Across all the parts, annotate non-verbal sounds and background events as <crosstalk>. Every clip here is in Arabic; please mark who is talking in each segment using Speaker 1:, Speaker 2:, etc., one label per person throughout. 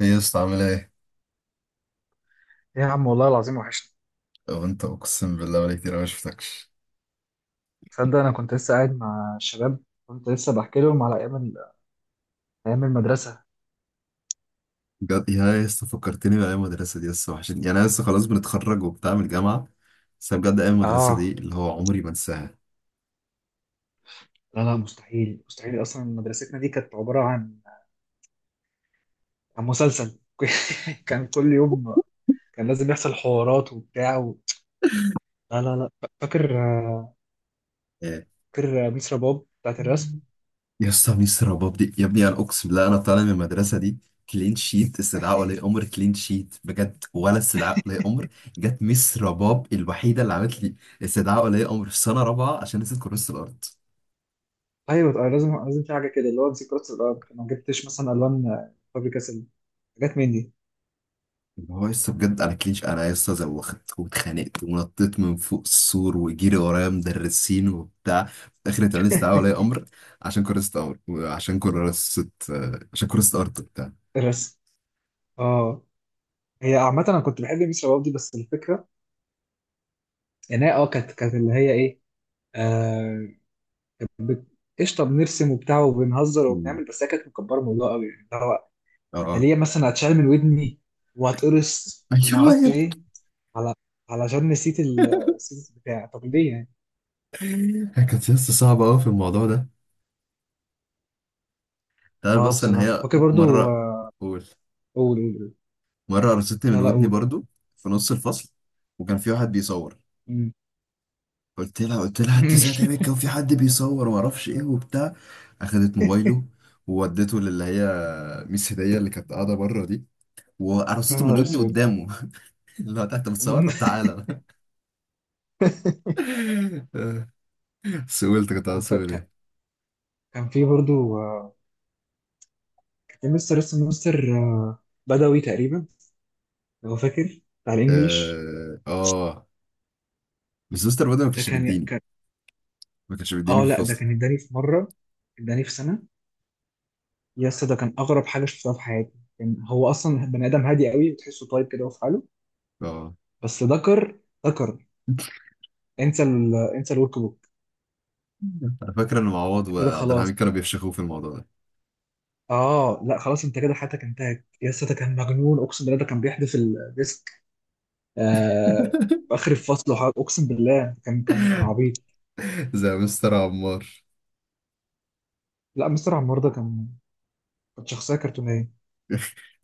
Speaker 1: ايه يا اسطى عامل ايه؟
Speaker 2: إيه يا عم، والله العظيم وحشني.
Speaker 1: هو انت اقسم بالله بقالي كتير أوي ما شفتكش.
Speaker 2: تصدق انا كنت لسه قاعد مع الشباب، كنت لسه بحكي لهم على ايام المدرسه.
Speaker 1: بجد يا اسطى فكرتني بايام المدرسه دي، لسه وحشتني، يعني انا لسه خلاص بنتخرج وبتاع من الجامعه. بس أنا بجد ايام المدرسه دي
Speaker 2: اه
Speaker 1: اللي هو عمري ما انساها.
Speaker 2: لا لا، مستحيل مستحيل، اصلا مدرستنا دي كانت عباره عن مسلسل. <laughs> كان كل يوم كان لازم يحصل حوارات وبتاع و... لا لا لا. فاكر
Speaker 1: إيه.
Speaker 2: فاكر ميس رباب بتاعت الرسم.
Speaker 1: يا اسطى ميس رباب دي يا ابني، انا اقسم بالله انا طالع من المدرسه دي كلين شيت، استدعاء
Speaker 2: <laughs>
Speaker 1: ولي امر كلين شيت بجد ولا استدعاء ولي امر. جت ميس رباب الوحيده اللي عملت لي استدعاء ولي امر في سنه رابعه عشان نسيت كراسه الارض.
Speaker 2: ايوه طبعاً، لازم لازم في حاجه كده، اللي هو امسك رص الارض أنا ما جبتش مثلا الوان فابري كاسل، حاجات من دي.
Speaker 1: اللي هو لسه بجد انا كليش، انا لسه زوخت واتخانقت ونطيت من فوق السور وجري ورايا مدرسين وبتاع، في الاخر اتعمل استدعاء ولي
Speaker 2: <laughs>
Speaker 1: امر عشان كرست امر وعشان كرست عشان كرست ارض وبتاع.
Speaker 2: الرسم. اه، هي عامة أنا كنت بحب ميس شباب دي، بس الفكرة يعني هي كانت اللي هي ايه، آه بت- قشطه، بنرسم وبتاع وبنهزر
Speaker 1: مم.
Speaker 2: وبنعمل، بس هي كانت مكبره الموضوع قوي يعني. اللي هو
Speaker 1: اه
Speaker 2: انا
Speaker 1: اه.
Speaker 2: ليه مثلا هتشال من ودني وهتقرص وما
Speaker 1: ايوه
Speaker 2: اعرفش
Speaker 1: يا ابني.
Speaker 2: ايه، على علشان نسيت ال- السيت بتاع، طب ليه يعني.
Speaker 1: <laughs> هي كانت لسه صعبه قوي في الموضوع ده. تعرف
Speaker 2: اه
Speaker 1: بس ان
Speaker 2: بصراحه
Speaker 1: هي
Speaker 2: فاكر برضو،
Speaker 1: مره. قول.
Speaker 2: قول قول قول.
Speaker 1: مره قرصتني من
Speaker 2: لا لا
Speaker 1: ودني
Speaker 2: قول.
Speaker 1: برضو في نص الفصل، وكان في واحد بيصور.
Speaker 2: مم.
Speaker 1: قلت لها، قلت لها انت ازاي
Speaker 2: <laughs>
Speaker 1: تعمل، كان في حد بيصور وما اعرفش ايه وبتاع. اخدت موبايله وودته للي هي ميس هديه اللي كانت قاعده بره دي،
Speaker 2: يا
Speaker 1: وقرصته من
Speaker 2: نهار
Speaker 1: ودني
Speaker 2: اسود.
Speaker 1: قدامه. <laughs> اللي هو تحت بتصور طب تعالى.
Speaker 2: <laughs>
Speaker 1: <laughs> سئلت، كنت
Speaker 2: كان
Speaker 1: عاوز
Speaker 2: ف-
Speaker 1: اسال ايه.
Speaker 2: كان- كان في برضو، كان في مستر اسمه مستر بدوي تقريبا، لو فاكر، بتاع الانجليش.
Speaker 1: اه. آه. بس مستر بدر ما
Speaker 2: ده
Speaker 1: كانش
Speaker 2: كان،
Speaker 1: بيديني، ما كانش بيديني
Speaker 2: اه
Speaker 1: في
Speaker 2: لا، ده
Speaker 1: الفصل.
Speaker 2: كان اداني في مره، اداني في سنه. يا اسطى ده كان اغرب حاجه شفتها في حياتي. كان هو اصلا بني ادم هادي قوي، وتحسه طيب كده وفي حاله،
Speaker 1: اه.
Speaker 2: بس ذكر انسى الورك بوك.
Speaker 1: انا فاكر ان معوض
Speaker 2: انت كده
Speaker 1: وعبد الحميد
Speaker 2: خلاص،
Speaker 1: كانوا بيفشخوه في الموضوع ده.
Speaker 2: اه لا خلاص انت كده حياتك انتهت يا اسطى. ده كان مجنون، اقسم بالله ده كان بيحدف الديسك، آه في اخر الفصل وحاجة. اقسم بالله كان
Speaker 1: <laughs>
Speaker 2: عبيط.
Speaker 1: زي مستر عمار.
Speaker 2: لا مستر عمار ده كان، كانت شخصيه كرتونيه.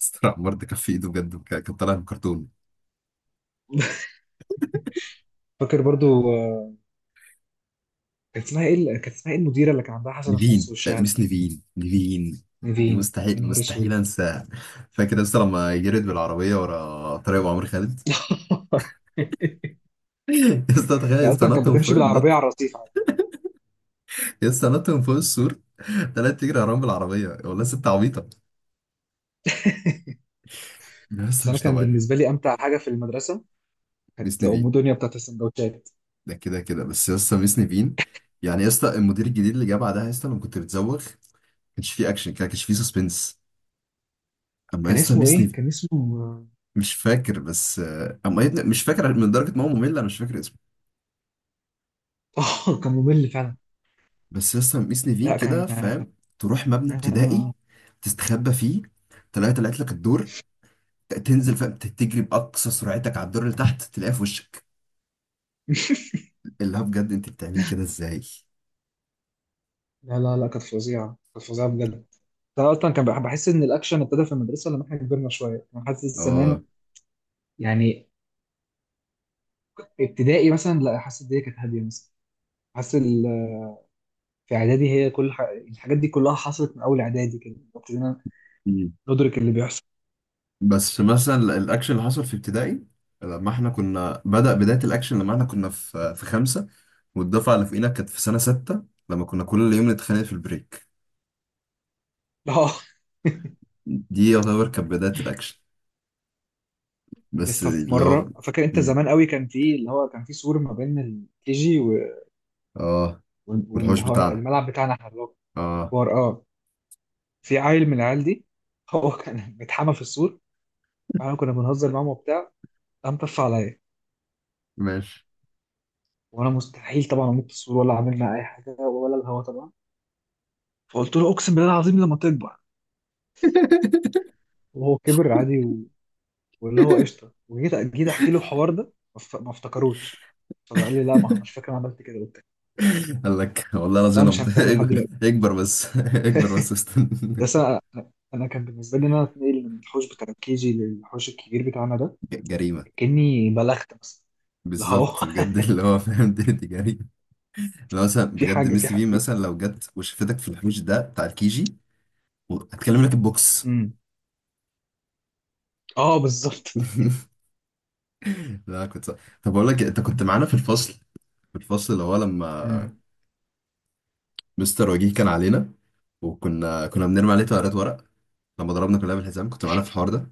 Speaker 1: مستر عمار ده كان في ايده بجد كان كان طالع من كرتون.
Speaker 2: <laughs> فاكر برضو، كانت اسمها ايه كانت اسمها ايه المديره اللي كان عندها حسنه في نص
Speaker 1: نيفين
Speaker 2: وشها ده؟
Speaker 1: مش نيفين نيفين. دي
Speaker 2: فين. يا
Speaker 1: مستحيل
Speaker 2: نهار
Speaker 1: مستحيل
Speaker 2: اسود.
Speaker 1: انساها. فاكر لسه لما جريت بالعربيه ورا طريق ابو عمرو خالد.
Speaker 2: <laughs>
Speaker 1: <laughs> لسه تخيل
Speaker 2: هي
Speaker 1: لسه
Speaker 2: اصلا كانت
Speaker 1: نط من فوق
Speaker 2: بتمشي بالعربيه
Speaker 1: النط.
Speaker 2: على الرصيف عادي.
Speaker 1: لسه نط من فوق السور. طلعت تجري وراهم بالعربيه والله، ست عبيطه لسه
Speaker 2: بس انا
Speaker 1: مش
Speaker 2: كان
Speaker 1: طبيعي.
Speaker 2: بالنسبه لي امتع حاجه في المدرسه
Speaker 1: ميس
Speaker 2: كانت
Speaker 1: نيفين،
Speaker 2: ام دنيا بتاعت السندوتشات.
Speaker 1: ده كده كده. بس لسه ميس نيفين يعني لسه المدير الجديد اللي جه بعدها، لسه لما كنت بتزوغ كانش فيه اكشن، كان كانش فيه سسبنس اما
Speaker 2: كان
Speaker 1: لسه
Speaker 2: اسمه
Speaker 1: ميس
Speaker 2: ايه،
Speaker 1: نيفين.
Speaker 2: كان اسمه. <laughs>
Speaker 1: مش فاكر بس اما يا ابني مش فاكر من درجه ما هو ممل انا مش فاكر اسمه.
Speaker 2: اه كان ممل فعلا.
Speaker 1: بس لسه مقيس نيفين
Speaker 2: لا كان.
Speaker 1: كده فاهم. تروح مبنى ابتدائي،
Speaker 2: <laughs>
Speaker 1: تستخبى فيه، تلاقي طلعت لك الدور، تنزل فاهم تجري بأقصى سرعتك على الدور اللي تحت تلاقيها في وشك. اللي هو بجد انت بتعملي كده ازاي.
Speaker 2: لا لا لا، كانت فظيعه، كانت فظيعه بجد. انا اصلا بحس ان الاكشن ابتدى في المدرسه لما احنا كبرنا شويه، انا حاسس
Speaker 1: اه.
Speaker 2: زمان يعني، ابتدائي مثلا لا، حاسس الدنيا كانت هاديه مثلا، حاسس في اعدادي هي الحاجات دي كلها حصلت من اول اعدادي، كده ابتدينا
Speaker 1: مم.
Speaker 2: ندرك اللي بيحصل.
Speaker 1: بس مثلا الاكشن اللي حصل في ابتدائي، لما احنا كنا بدأ بداية الاكشن، لما احنا كنا في خمسة، والدفعة اللي فوقينا كانت في سنة ستة، لما كنا كل يوم نتخانق في البريك.
Speaker 2: <laughs> اه.
Speaker 1: دي يعتبر كانت بداية الاكشن
Speaker 2: يا
Speaker 1: بس
Speaker 2: اسطى في
Speaker 1: اللي هو.
Speaker 2: مره، فاكر انت
Speaker 1: مم.
Speaker 2: زمان قوي، كان في اللي هو كان في سور ما بين الكي جي و...
Speaker 1: اه. والحوش
Speaker 2: واللي هو
Speaker 1: بتاعنا.
Speaker 2: الملعب بتاعنا احنا اللي هو
Speaker 1: اه.
Speaker 2: كبار، اه، في عيل من العيال دي، هو <laughs> كان متحمى في السور، فاحنا كنا بنهزر معاهم وبتاع، قام طف عليا،
Speaker 1: ماشي.
Speaker 2: وانا مستحيل طبعا اموت في السور ولا عملنا اي حاجه ولا الهوا طبعا، فقلت له اقسم بالله العظيم لما تكبر.
Speaker 1: <laughs>
Speaker 2: وهو كبر عادي، واللي هو قشطه، وجيت احكي له الحوار ده، ما افتكروش، فقال لي لا، ما مش فاكر انا عملت كده وبتاع.
Speaker 1: قال لك والله
Speaker 2: بس
Speaker 1: العظيم
Speaker 2: انا
Speaker 1: لو
Speaker 2: مش
Speaker 1: بت-
Speaker 2: هنساله لحد دلوقتي.
Speaker 1: <laughs> اكبر بس، <laughs> اكبر بس استنى.
Speaker 2: بس انا كان بالنسبه لي ان انا اتنقل من الحوش بتاع الكيجي للحوش الكبير بتاعنا ده
Speaker 1: <laughs> ج- جريمة.
Speaker 2: كاني بلغت مثلا، اللي هو.
Speaker 1: بالظبط بجد اللي
Speaker 2: <laughs>
Speaker 1: هو فاهم دي، دي جريمة. لو مثلا
Speaker 2: في
Speaker 1: بجد
Speaker 2: حاجه
Speaker 1: ميس
Speaker 2: في
Speaker 1: تي في
Speaker 2: حاجه في.
Speaker 1: مثلا لو جت وشفتك في الحوش ده بتاع الكيجي هتكلم لك البوكس.
Speaker 2: امم، اه بالظبط.
Speaker 1: <laughs> لا كنت صح. طب اقول لك إيه، انت كنت معانا في الفصل، في الفصل اللي هو لما
Speaker 2: امم.
Speaker 1: مستر وجيه كان علينا، وكنا بنرمي عليه
Speaker 2: أمم.
Speaker 1: طيارات ورق. لما ضربنا كلها بالحزام كنت معانا في الحوار ده.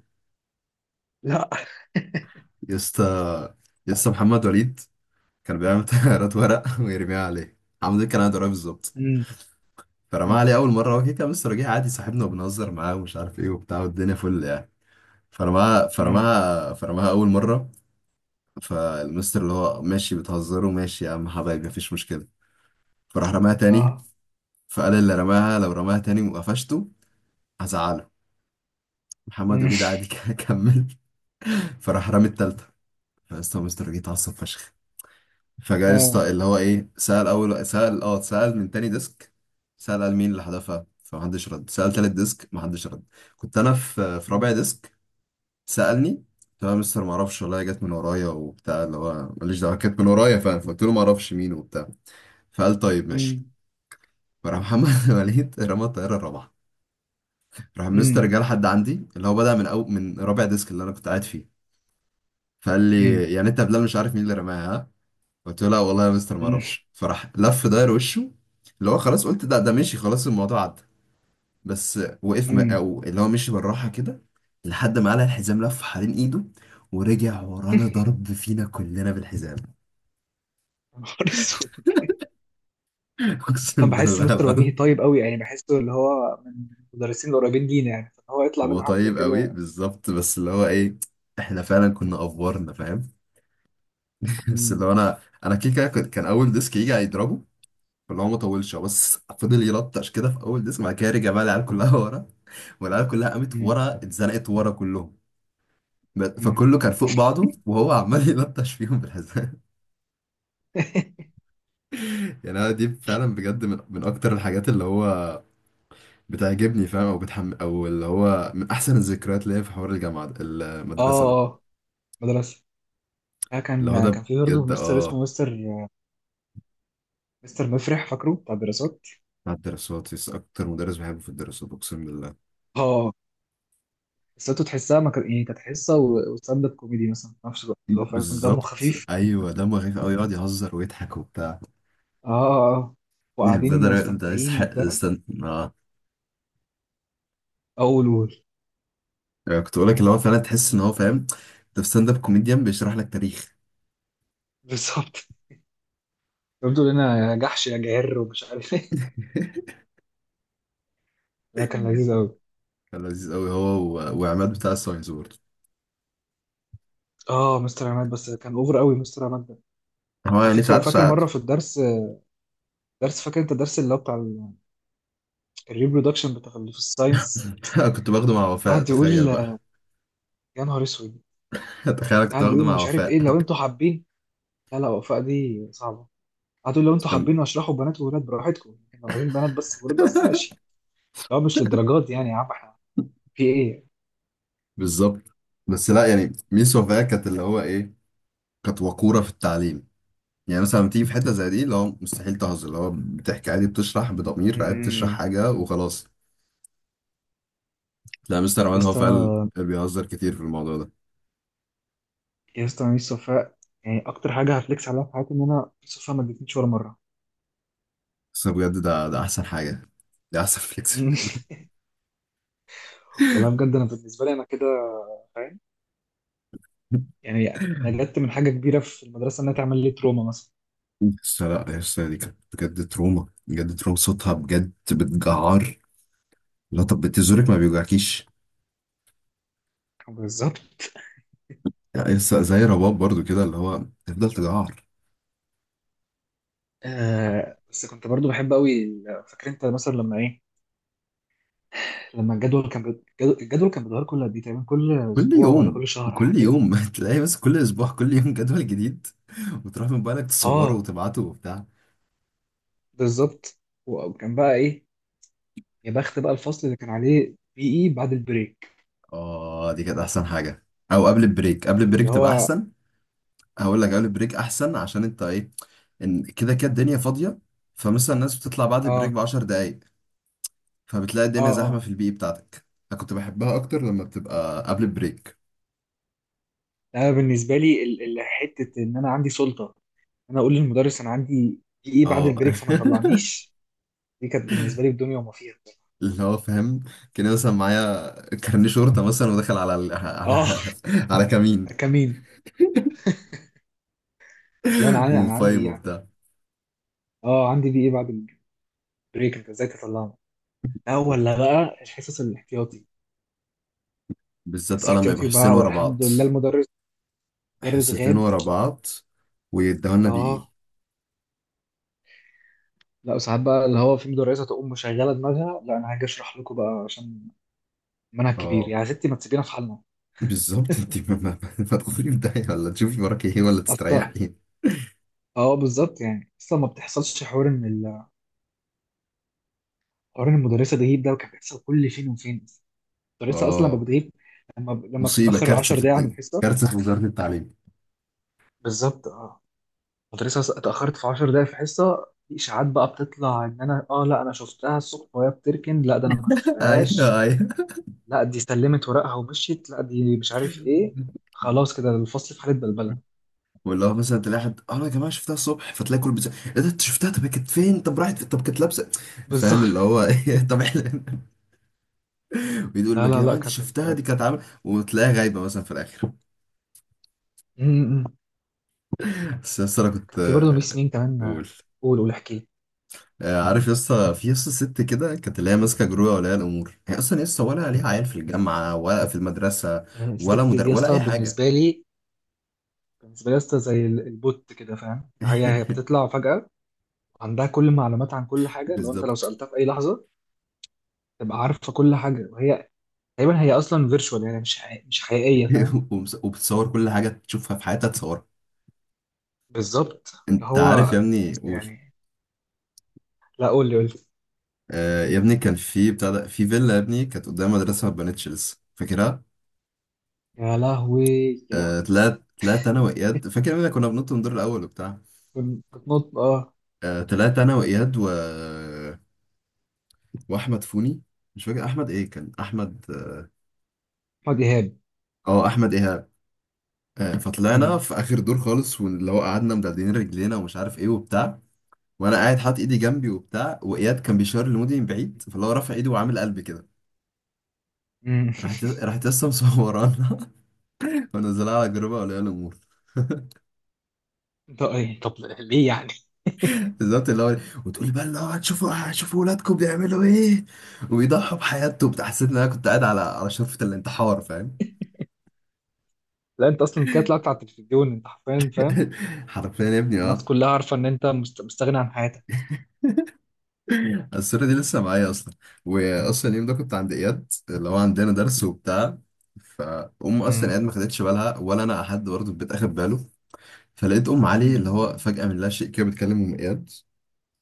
Speaker 2: لا. <laughs>
Speaker 1: يا اسطى، يا اسطى محمد وليد كان بيعمل طيارات ورق <laughs> ويرميها عليه. عمود كان عنده رأي بالظبط.
Speaker 2: امم.
Speaker 1: فرماها
Speaker 2: امم.
Speaker 1: عليه اول مره، هو كده كان لسه راجع عادي صاحبنا وبنهزر معاه ومش عارف ايه وبتاع والدنيا فل يعني. فرماها
Speaker 2: امم.
Speaker 1: فرماها فرماها اول مره. فالمستر اللي هو ماشي، بتهزروا ماشي يا عم حبايبي مفيش مشكله. فراح رماها تاني.
Speaker 2: اه.
Speaker 1: فقال اللي رماها لو رماها تاني وقفشته هزعله. محمد
Speaker 2: امم.
Speaker 1: وليد عادي <laughs> كمل. فراح رامي التالتة. فاستاذ مستر جه اتعصب فشخ. فجاء
Speaker 2: اه.
Speaker 1: يسطا اللي هو ايه، سأل اول سأل اه، سأل من تاني ديسك. سأل، قال مين اللي حذفها، فمحدش رد. سأل تالت ديسك محدش رد. كنت انا في رابع
Speaker 2: امم.
Speaker 1: ديسك. سألني، قلت له يا مستر معرفش والله، جت من ورايا وبتاع اللي هو ماليش دعوة كانت من ورايا فاهم، فقلت له معرفش مين وبتاع. فقال طيب ماشي.
Speaker 2: امم.
Speaker 1: فراح محمد <laughs> وليد رمى الطيارة الرابعة. راح مستر
Speaker 2: امم.
Speaker 1: جه لحد عندي اللي هو بدأ من أو من رابع ديسك اللي انا كنت قاعد فيه. فقال
Speaker 2: امم.
Speaker 1: لي يعني انت يا بلال مش عارف مين اللي رماها. قلت له لا والله يا مستر ما اعرفش. فراح لف داير وشه اللي هو خلاص قلت ده ده مشي خلاص الموضوع عدى. بس وقف م-
Speaker 2: أمم.
Speaker 1: او اللي هو مشي بالراحه كده لحد ما قلع الحزام، لف حوالين ايده ورجع ورانا ضرب
Speaker 2: <laughs>
Speaker 1: فينا كلنا بالحزام.
Speaker 2: يا نهار أسود.
Speaker 1: <laughs>
Speaker 2: كان
Speaker 1: اقسم
Speaker 2: بحس
Speaker 1: بالله
Speaker 2: مستر وجيهي
Speaker 1: العظيم.
Speaker 2: طيب قوي، يعني بحسه اللي هو من المدرسين القريبين لينا يعني، فهو يطلع
Speaker 1: هو
Speaker 2: منه حاجه زي
Speaker 1: طيب قوي
Speaker 2: كده.
Speaker 1: بالظبط بس اللي هو ايه، احنا فعلا كنا افورنا فاهم. <laughs> بس اللي
Speaker 2: مم.
Speaker 1: هو انا، انا كده كده كنت، كان اول ديسك يجي هيضربه اللي هو ما طولش هو بس فضل يلطش كده في اول ديسك. بعد كده رجع بقى العيال كلها <laughs> ورا، والعيال كلها قامت
Speaker 2: مم.
Speaker 1: ورا اتزنقت ورا كلهم. ب-
Speaker 2: مم.
Speaker 1: فكله كان فوق بعضه وهو عمال <laughs> يلطش فيهم بالحزام.
Speaker 2: <laughs>
Speaker 1: <laughs> يعني انا دي فعلا بجد من اكتر الحاجات اللي هو بتعجبني فاهم او بتحم او اللي هو من احسن الذكريات اللي هي في حوار الجامعه ده- المدرسه ده.
Speaker 2: اه اه. مدرسه،
Speaker 1: اللي هو
Speaker 2: كان كان
Speaker 1: ده
Speaker 2: في برضه
Speaker 1: بجد
Speaker 2: مستر
Speaker 1: اه.
Speaker 2: اسمه مستر، مستر مفرح فاكره، بتاع الدراسات.
Speaker 1: مع الدراسات يس اكتر مدرس بحبه في الدراسات اقسم بالله.
Speaker 2: اه. قصته تحسها ما كان يعني، كانت حصه و- وستاند اب كوميدي مثلا في نفس الوقت، اللي هو فاهم، دمه
Speaker 1: بالظبط
Speaker 2: خفيف.
Speaker 1: ايوه دمه خفيف قوي، يقعد يهزر ويضحك وبتاع.
Speaker 2: اه اه،
Speaker 1: يعني بجد
Speaker 2: وقاعدين
Speaker 1: الراجل ده
Speaker 2: مستمتعين
Speaker 1: يستحق،
Speaker 2: وبتاع.
Speaker 1: استنى اه.
Speaker 2: اول.
Speaker 1: يعني كنت بقول لك اللي هو فعلا تحس ان هو فاهم، انت في ستاند اب كوميديان بيشرح لك تاريخ.
Speaker 2: <laughs> بالظبط. بيقولوا لنا يا جحش يا جعر ومش عارف ايه. <laughs>
Speaker 1: <laughs>
Speaker 2: ده كان لذيذ قوي.
Speaker 1: كان لذيذ قوي هو و- وعماد بتاع الساينس برضه.
Speaker 2: اه، مستر عماد بس كان اوفر قوي مستر عماد ده.
Speaker 1: هو
Speaker 2: على
Speaker 1: يعني
Speaker 2: فكره
Speaker 1: ساعات
Speaker 2: فاكر
Speaker 1: ساعات.
Speaker 2: مره في الدرس، فاكر انت الدرس اللي هو بتاع الريبرودكشن بتاع اللي في الساينس.
Speaker 1: <laughs> كنت باخده مع وفاء
Speaker 2: قعد يقول.
Speaker 1: تخيل بقى.
Speaker 2: يا نهار اسود.
Speaker 1: <laughs> تخيل أنا كنت
Speaker 2: قعد
Speaker 1: باخده
Speaker 2: يقول
Speaker 1: مع
Speaker 2: مش عارف
Speaker 1: وفاء.
Speaker 2: ايه لو انتوا حابين. لا لا، وفاء دي صعبه. قعد يقول لو
Speaker 1: <laughs>
Speaker 2: انتوا
Speaker 1: كان-.
Speaker 2: حابين اشرحوا بنات وولاد براحتكم، لو عايزين بنات بس وولاد بس ماشي، لو مش للدرجات دي يعني يا عم احنا، في ايه.
Speaker 1: بالظبط. بس لا يعني ميس وفاء كانت اللي هو ايه، كانت وقورة في التعليم. يعني مثلا لما تيجي في حتة زي دي اللي هو مستحيل تهزر، اللي هو بتحكي عادي بتشرح بضمير عادي بتشرح
Speaker 2: امم.
Speaker 1: حاجة وخلاص. لا مستر
Speaker 2: يا
Speaker 1: عماد هو
Speaker 2: اسطى،
Speaker 1: فعلا بيهزر كتير في الموضوع ده.
Speaker 2: يا اسطى ميس وفاء، يعني اكتر حاجه هفليكس عليها في حياتي ان انا ميس وفاء ما ادتنيش ولا مره.
Speaker 1: بس أنا بجد ده ده احسن حاجه، ده احسن <laughs> فليكس.
Speaker 2: <laughs> والله بجد انا بالنسبه لي انا كده، يعني نجدت من حاجة كبيرة في المدرسة إنها تعمل لي تروما مثلا.
Speaker 1: بس لا يا اسطى دي كانت بجد تروما بجد تروما، صوتها بجد بتجعر. لا طب بتزورك ما بيوجعكيش.
Speaker 2: بالظبط.
Speaker 1: يعني يا اسطى زي رباب برضو كده اللي هو تفضل تجعر.
Speaker 2: آه، بس كنت برضو بحب قوي فاكر انت مثلا لما ايه، لما الجدول كان بي- الجدول كان بيتغير كل قد ايه تقريبا، كل
Speaker 1: كل
Speaker 2: اسبوع ولا
Speaker 1: يوم
Speaker 2: كل شهر حاجه
Speaker 1: كل
Speaker 2: كده.
Speaker 1: يوم <laughs> تلاقي بس كل اسبوع كل يوم جدول جديد، وتروح من بالك تصوره
Speaker 2: اه
Speaker 1: وتبعته وبتاع.
Speaker 2: بالظبط. وكان بقى ايه، يا بخت بقى الفصل اللي كان عليه بي اي بعد البريك.
Speaker 1: اه دي كانت احسن حاجه. او قبل البريك، قبل البريك
Speaker 2: اللي
Speaker 1: تبقى
Speaker 2: هو،
Speaker 1: احسن. هقول لك قبل البريك احسن عشان انت ايه، ان كده كده الدنيا فاضيه. فمثلا الناس بتطلع بعد البريك
Speaker 2: اه.
Speaker 1: ب 10 دقايق، فبتلاقي الدنيا
Speaker 2: اه.
Speaker 1: زحمه
Speaker 2: اه.
Speaker 1: في البي بتاعتك. انا كنت بحبها اكتر لما بتبقى قبل البريك.
Speaker 2: انا بالنسبه لي حته ان انا عندي سلطه ان انا اقول للمدرس انا عندي بي اي بعد
Speaker 1: اه.
Speaker 2: البريك، فما يطلعنيش. دي كانت بالنسبه لي الدنيا وما فيها.
Speaker 1: <laughs> اللي هو فاهم كان مثلا معايا كارنيه شرطه مثلا ودخل على ال...
Speaker 2: اه.
Speaker 1: على، <laughs> على كمين.
Speaker 2: كمين. اللي هو
Speaker 1: <laughs>
Speaker 2: أنا عندي
Speaker 1: ومفايم
Speaker 2: يعني.
Speaker 1: وبتاع.
Speaker 2: اه، عندي دي ايه، بعد البريك انت ازاي تطلعنا. لا، ولا بقى الحصص الاحتياطي،
Speaker 1: بالذات
Speaker 2: حصص
Speaker 1: قلم يبقى
Speaker 2: احتياطي
Speaker 1: حصتين
Speaker 2: بقى،
Speaker 1: ورا
Speaker 2: والحمد
Speaker 1: بعض،
Speaker 2: لله المدرس، مدرس
Speaker 1: حصتين
Speaker 2: غاب.
Speaker 1: ورا بعض ويدهولنا بإيه.
Speaker 2: اه لا، ساعات بقى اللي هو في مدرسه تقوم مشغله دماغها، لا انا هاجي اشرح لكم بقى عشان منهج كبير
Speaker 1: اه.
Speaker 2: يعني، يا ستي ما تسيبينا في حالنا.
Speaker 1: بالظبط. <laughs> انت ما تدخلي في داهية ولا تشوفي وراك ايه ولا
Speaker 2: اصلا
Speaker 1: تستريحي.
Speaker 2: اه بالظبط، يعني اصلا ما بتحصلش حوار ان حوار ان المدرسه تغيب ده، وكان بيحصل كل فين وفين. المدرسه اصلا لما
Speaker 1: اه.
Speaker 2: بتغيب، لما
Speaker 1: مصيبة
Speaker 2: بتتاخر
Speaker 1: كارثة
Speaker 2: 10
Speaker 1: في
Speaker 2: دقايق عن
Speaker 1: الت-
Speaker 2: الحصه.
Speaker 1: كارثة في وزارة التعليم.
Speaker 2: بالظبط اه. كنت لسه اتأخرت في 10 دقايق في حصة، في إشاعات بقى بتطلع إن أنا آه لا أنا شفتها الصبح وهي بتركن، لا ده أنا ما
Speaker 1: <laughs> ايوه
Speaker 2: شفتهاش،
Speaker 1: ايوه.
Speaker 2: لا دي سلمت ورقها ومشيت، لا دي مش عارف إيه، خلاص كده الفصل في حالة بلبلة.
Speaker 1: واللي هو مثلا تلاقي حد اه يا جماعة شفتها الصبح، فتلاقي كل بيسأل ايه ده انت شفتها طب هي كانت فين طب راحت فين؟ طب كانت لابسة فاهم
Speaker 2: بالظبط.
Speaker 1: اللي هو ايه. <laughs> طب
Speaker 2: <laughs>
Speaker 1: احنا بيقول بقى
Speaker 2: لا
Speaker 1: يا
Speaker 2: لا
Speaker 1: جماعة
Speaker 2: لا
Speaker 1: انت
Speaker 2: كانت
Speaker 1: شفتها
Speaker 2: ال-
Speaker 1: دي كانت عاملة وتلاقيها غايبة مثلا في الآخر.
Speaker 2: م- م.
Speaker 1: بس يا اسطى انا كنت
Speaker 2: كان في برضه ميس مين كمان.
Speaker 1: قول.
Speaker 2: قول، قول احكي لي.
Speaker 1: عارف يا اسطى في يا اسطى ست كده كانت اللي هي ماسكه جرويه ولا الامور هي اصلا يا اسطى ولا ليها عيال في الجامعه ولا في المدرسه
Speaker 2: يعني الست
Speaker 1: ولا مدر...
Speaker 2: دي يا
Speaker 1: ولا اي
Speaker 2: اسطى
Speaker 1: حاجه.
Speaker 2: بالنسبة لي، بالنسبة لي يا اسطى زي البوت كده فاهم، هي
Speaker 1: <laughs>
Speaker 2: بتطلع فجأة عندها كل المعلومات عن كل حاجة، لو أنت لو
Speaker 1: بالظبط.
Speaker 2: سألتها في أي لحظة تبقى عارفة كل حاجة، وهي تقريبا هي اصلا فيرتشوال يعني مش حقيقية، مش حقيقيه فاهم.
Speaker 1: <laughs> وبس- وبتصور كل حاجة تشوفها في حياتها تصورها.
Speaker 2: بالظبط اللي
Speaker 1: انت عارف يا
Speaker 2: هو.
Speaker 1: ابني قول.
Speaker 2: يعني. لا قول لي، قول لي.
Speaker 1: آه يا ابني كان في بتاع ده في فيلا يا ابني كانت قدام مدرسة ما اتبنتش لسه فاكرها؟
Speaker 2: يا لهوي، يا
Speaker 1: آه
Speaker 2: لهوي.
Speaker 1: طلعت انا وإياد فاكر يا ابني كنا بننط من الدور الأول وبتاع.
Speaker 2: بتنط اه.
Speaker 1: آه طلعت انا وإياد و... وأحمد فوني. مش فاكر أحمد إيه كان أحمد.
Speaker 2: احمد ايهاب.
Speaker 1: اه أحمد إيهاب. آه فطلعنا
Speaker 2: امم.
Speaker 1: في آخر دور خالص، واللي هو قعدنا مدلدلين رجلينا ومش عارف إيه وبتاع. وأنا قاعد حاطط إيدي جنبي وبتاع، وإياد كان بيشاور لمودي من بعيد فاللي هو رافع إيده وعامل قلب كده.
Speaker 2: امم.
Speaker 1: راحت
Speaker 2: <laughs>
Speaker 1: راحت لسه مصورانا، <laughs> ونزلها على جروب اولياء الامور.
Speaker 2: انت ايه طب، ليه يعني. <laughs>
Speaker 1: بالظبط اللي هو، وتقولي بقى اللي هو هتشوفوا ولادكم بيعملوا ايه وبيضحوا بحياتهم بتاع. حسيت ان انا كنت قاعد على على شرفة الانتحار فاهم.
Speaker 2: لا انت اصلا كده طلعت على التلفزيون انت حرفيا فاهم.
Speaker 1: <laughs> حرفيا يا ابني
Speaker 2: الناس
Speaker 1: اه.
Speaker 2: كلها عارفه ان انت مستغني عن حياتك.
Speaker 1: الصورة دي لسه معايا اصلا. واصلا اليوم ده كنت عند اياد اللي هو عندنا درس وبتاع. فأم أصلا
Speaker 2: امم.
Speaker 1: قاعد ما خدتش بالها ولا أنا أحد برضه البيت أخد باله. فلقيت أم علي
Speaker 2: امم.
Speaker 1: اللي هو فجأة من لا شيء كده بتكلم أم إياد،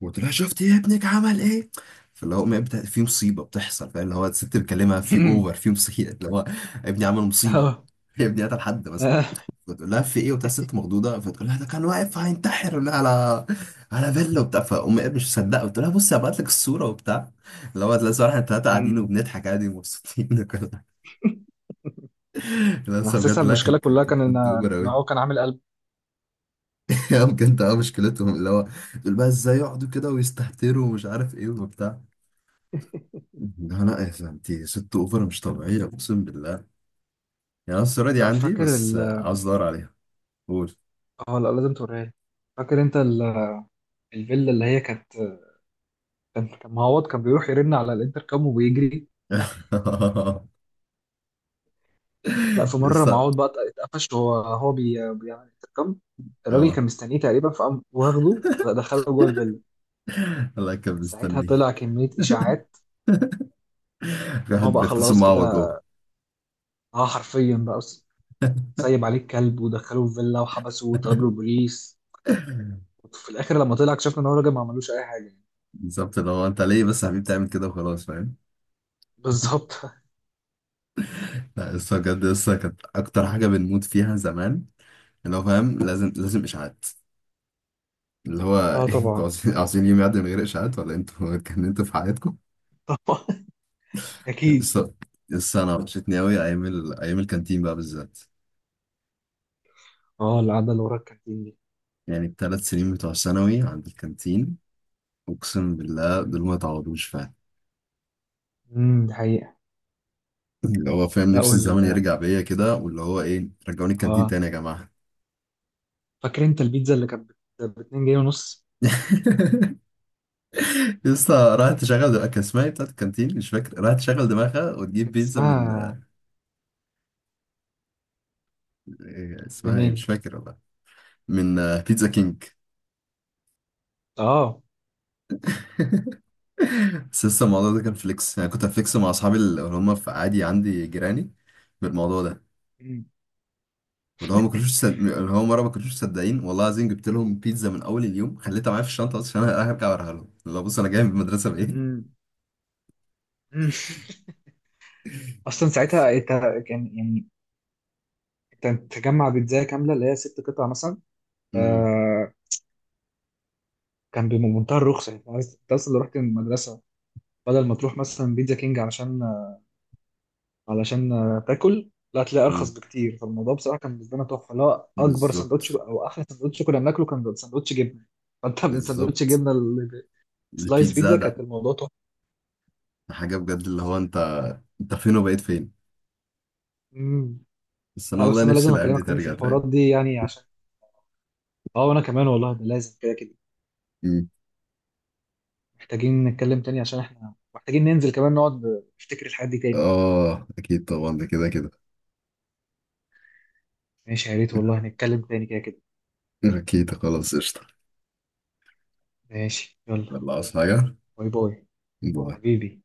Speaker 1: وقلت لها شفت يا ابنك عمل ايه. فاللي هو أمي بتا- في مصيبه بتحصل فاللي هو الست بتكلمها في اوفر في
Speaker 2: <laughs>
Speaker 1: مصيبه اللي هو ابني عمل مصيبه.
Speaker 2: اه.
Speaker 1: <laughs> يا ابني قتل حد بس.
Speaker 2: آه.
Speaker 1: فتقول لها في ايه وبتاع الست مخضوضه، فتقول لها ده كان واقف هينتحر ولا على على فيلا وبتاع. فامي قالت مش مصدقه، قلت لها بصي هبعت لك الصوره وبتاع. اللي هو تلاقي صراحه الثلاثه قاعدين
Speaker 2: امم.
Speaker 1: وبنضحك عادي ومبسوطين <laughs> وكل حاجة. لا
Speaker 2: انا
Speaker 1: بس بجد
Speaker 2: حاسسها
Speaker 1: لا
Speaker 2: المشكله
Speaker 1: كانت
Speaker 2: كلها
Speaker 1: كانت كانت
Speaker 2: كان ان،
Speaker 1: بنت اوبر
Speaker 2: ان
Speaker 1: قوي.
Speaker 2: هو كان عامل قلب.
Speaker 1: <laughs> بجد اه مشكلتهم اللي هو، تقول بقى ازاي يقعدوا كده ويستهتروا ومش عارف ايه وبتاع. لا لا يا انت ست اوفر مش طبيعيه اقسم بالله يعني. انا الصوره دي
Speaker 2: لا
Speaker 1: عندي
Speaker 2: فاكر
Speaker 1: بس
Speaker 2: ال،
Speaker 1: عاوز ادور عليها. قول.
Speaker 2: اه لا لازم توريها لي. فاكر انت الفيلا اللي هي كانت، كان معوض كان بيروح يرن على الانتركم وبيجري.
Speaker 1: <laughs>
Speaker 2: لا في
Speaker 1: يس
Speaker 2: مره معوض بقى اتقفش وهو بيعمل انتركم. الراجل
Speaker 1: اه.
Speaker 2: كان مستنيه تقريبا، فقام واخده دخله جوه الفيلا.
Speaker 1: الله كان
Speaker 2: ساعتها
Speaker 1: مستني.
Speaker 2: طلع كميه اشاعات
Speaker 1: في
Speaker 2: إن هو
Speaker 1: واحد
Speaker 2: بقى
Speaker 1: بيختصم
Speaker 2: خلاص كده،
Speaker 1: معوض جوه.
Speaker 2: اه حرفيا بقى سايب عليه الكلب ودخله الفيلا وحبسه وطلب له البوليس.
Speaker 1: <laughs>
Speaker 2: وفي الاخر لما طلع اكتشفنا ان هو راجل ما عملوش اي حاجه يعني.
Speaker 1: بالظبط اللي هو انت ليه بس يا حبيبي تعمل كده وخلاص فاهم. <laughs>
Speaker 2: بالظبط.
Speaker 1: لا لسه بجد لسه كانت اكتر حاجه بنموت فيها زمان. اللي هو فاهم لازم لازم اشاعات. اللي هو.
Speaker 2: <laughs>
Speaker 1: <laughs>
Speaker 2: اه
Speaker 1: انتوا
Speaker 2: طبعا.
Speaker 1: عاوزين عاوزين يوم يعدي من غير اشاعات، ولا انتوا <laughs> اتكلمتوا في حياتكم
Speaker 2: طبعا، اكيد.
Speaker 1: بس. بس انا وحشتني قوي ايام ال... ايام الكانتين بقى بالذات.
Speaker 2: اه القعده اللي ورا الكانتين دي.
Speaker 1: يعني الثلاث سنين بتوع ثانوي عند الكانتين اقسم بالله دول ما يتعوضوش فعلا.
Speaker 2: دي حقيقه.
Speaker 1: اللي هو فاهم
Speaker 2: لا
Speaker 1: نفسي الزمن
Speaker 2: وال،
Speaker 1: يرجع بيا كده واللي هو ايه، رجعوني الكانتين
Speaker 2: اه
Speaker 1: تاني يا جماعه.
Speaker 2: فاكر انت البيتزا اللي كانت ب 2 جنيه ونص.
Speaker 1: <laughs> لسه راحت تشغل دماغها كان اسمها ايه بتاعت الكانتين مش فاكر، راحت تشغل دماغها وتجيب
Speaker 2: كانت
Speaker 1: بيتزا من
Speaker 2: اسمها
Speaker 1: إيه اسمها ايه مش
Speaker 2: بنين.
Speaker 1: فاكر والله. من بيتزا كينج.
Speaker 2: اه.
Speaker 1: <laughs> بس لسه الموضوع ده كان فليكس، يعني كنت هفليكس مع اصحابي اللي هم في عادي عندي جيراني بالموضوع ده.
Speaker 2: مم.
Speaker 1: اللي هو ما كانوش صد... اللي هو مره ما كانوش مصدقين والله العظيم جبت لهم بيتزا من اول اليوم خليتها معايا في الشنطه اصلا عشان انا هرجع اوريها لهم اللي هو بص انا جاي من المدرسه بايه.
Speaker 2: مم. مم. اصلا ساعتها انت، كان يعني انت تجمع بيتزا كامله اللي هي ست قطع مثلا.
Speaker 1: امم.
Speaker 2: آه. كان بمنتهى الرخصه، يعني انت اصلا لو رحت من المدرسه، بدل ما تروح مثلا بيتزا كينج علشان، علشان تاكل، لا هتلاقي ارخص
Speaker 1: امم.
Speaker 2: بكتير، فالموضوع بصراحه كان بالنسبه لنا تحفه، اللي هو
Speaker 1: <laughs>
Speaker 2: اكبر سندوتش
Speaker 1: بالظبط.
Speaker 2: او احلى سندوتش كنا بناكله كان سندوتش جبنه، فانت من سندوتش
Speaker 1: بالظبط
Speaker 2: جبنه سلايس
Speaker 1: البيتزا
Speaker 2: بيتزا،
Speaker 1: ده.
Speaker 2: كانت الموضوع تحفه.
Speaker 1: ده حاجه بجد اللي هو انت، انت فين وبقيت فين.
Speaker 2: مم.
Speaker 1: بس انا
Speaker 2: لا
Speaker 1: والله
Speaker 2: بس انا
Speaker 1: نفسي
Speaker 2: لازم
Speaker 1: الايام دي
Speaker 2: اكلمك تاني في
Speaker 1: ترجع تاني.
Speaker 2: الحوارات دي يعني عشان، اه وانا كمان والله، ده لازم كده كده.
Speaker 1: امم.
Speaker 2: محتاجين نتكلم تاني عشان احنا محتاجين ننزل كمان نقعد نفتكر الحاجات دي تاني.
Speaker 1: اه اكيد طبعا ده كده كده.
Speaker 2: ماشي، يا ريت والله نتكلم تاني، كده كده.
Speaker 1: اكيد خلاص قشطه.
Speaker 2: ماشي يلا.
Speaker 1: يلا، عاوز حاجه.
Speaker 2: باي باي
Speaker 1: باي
Speaker 2: حبيبي.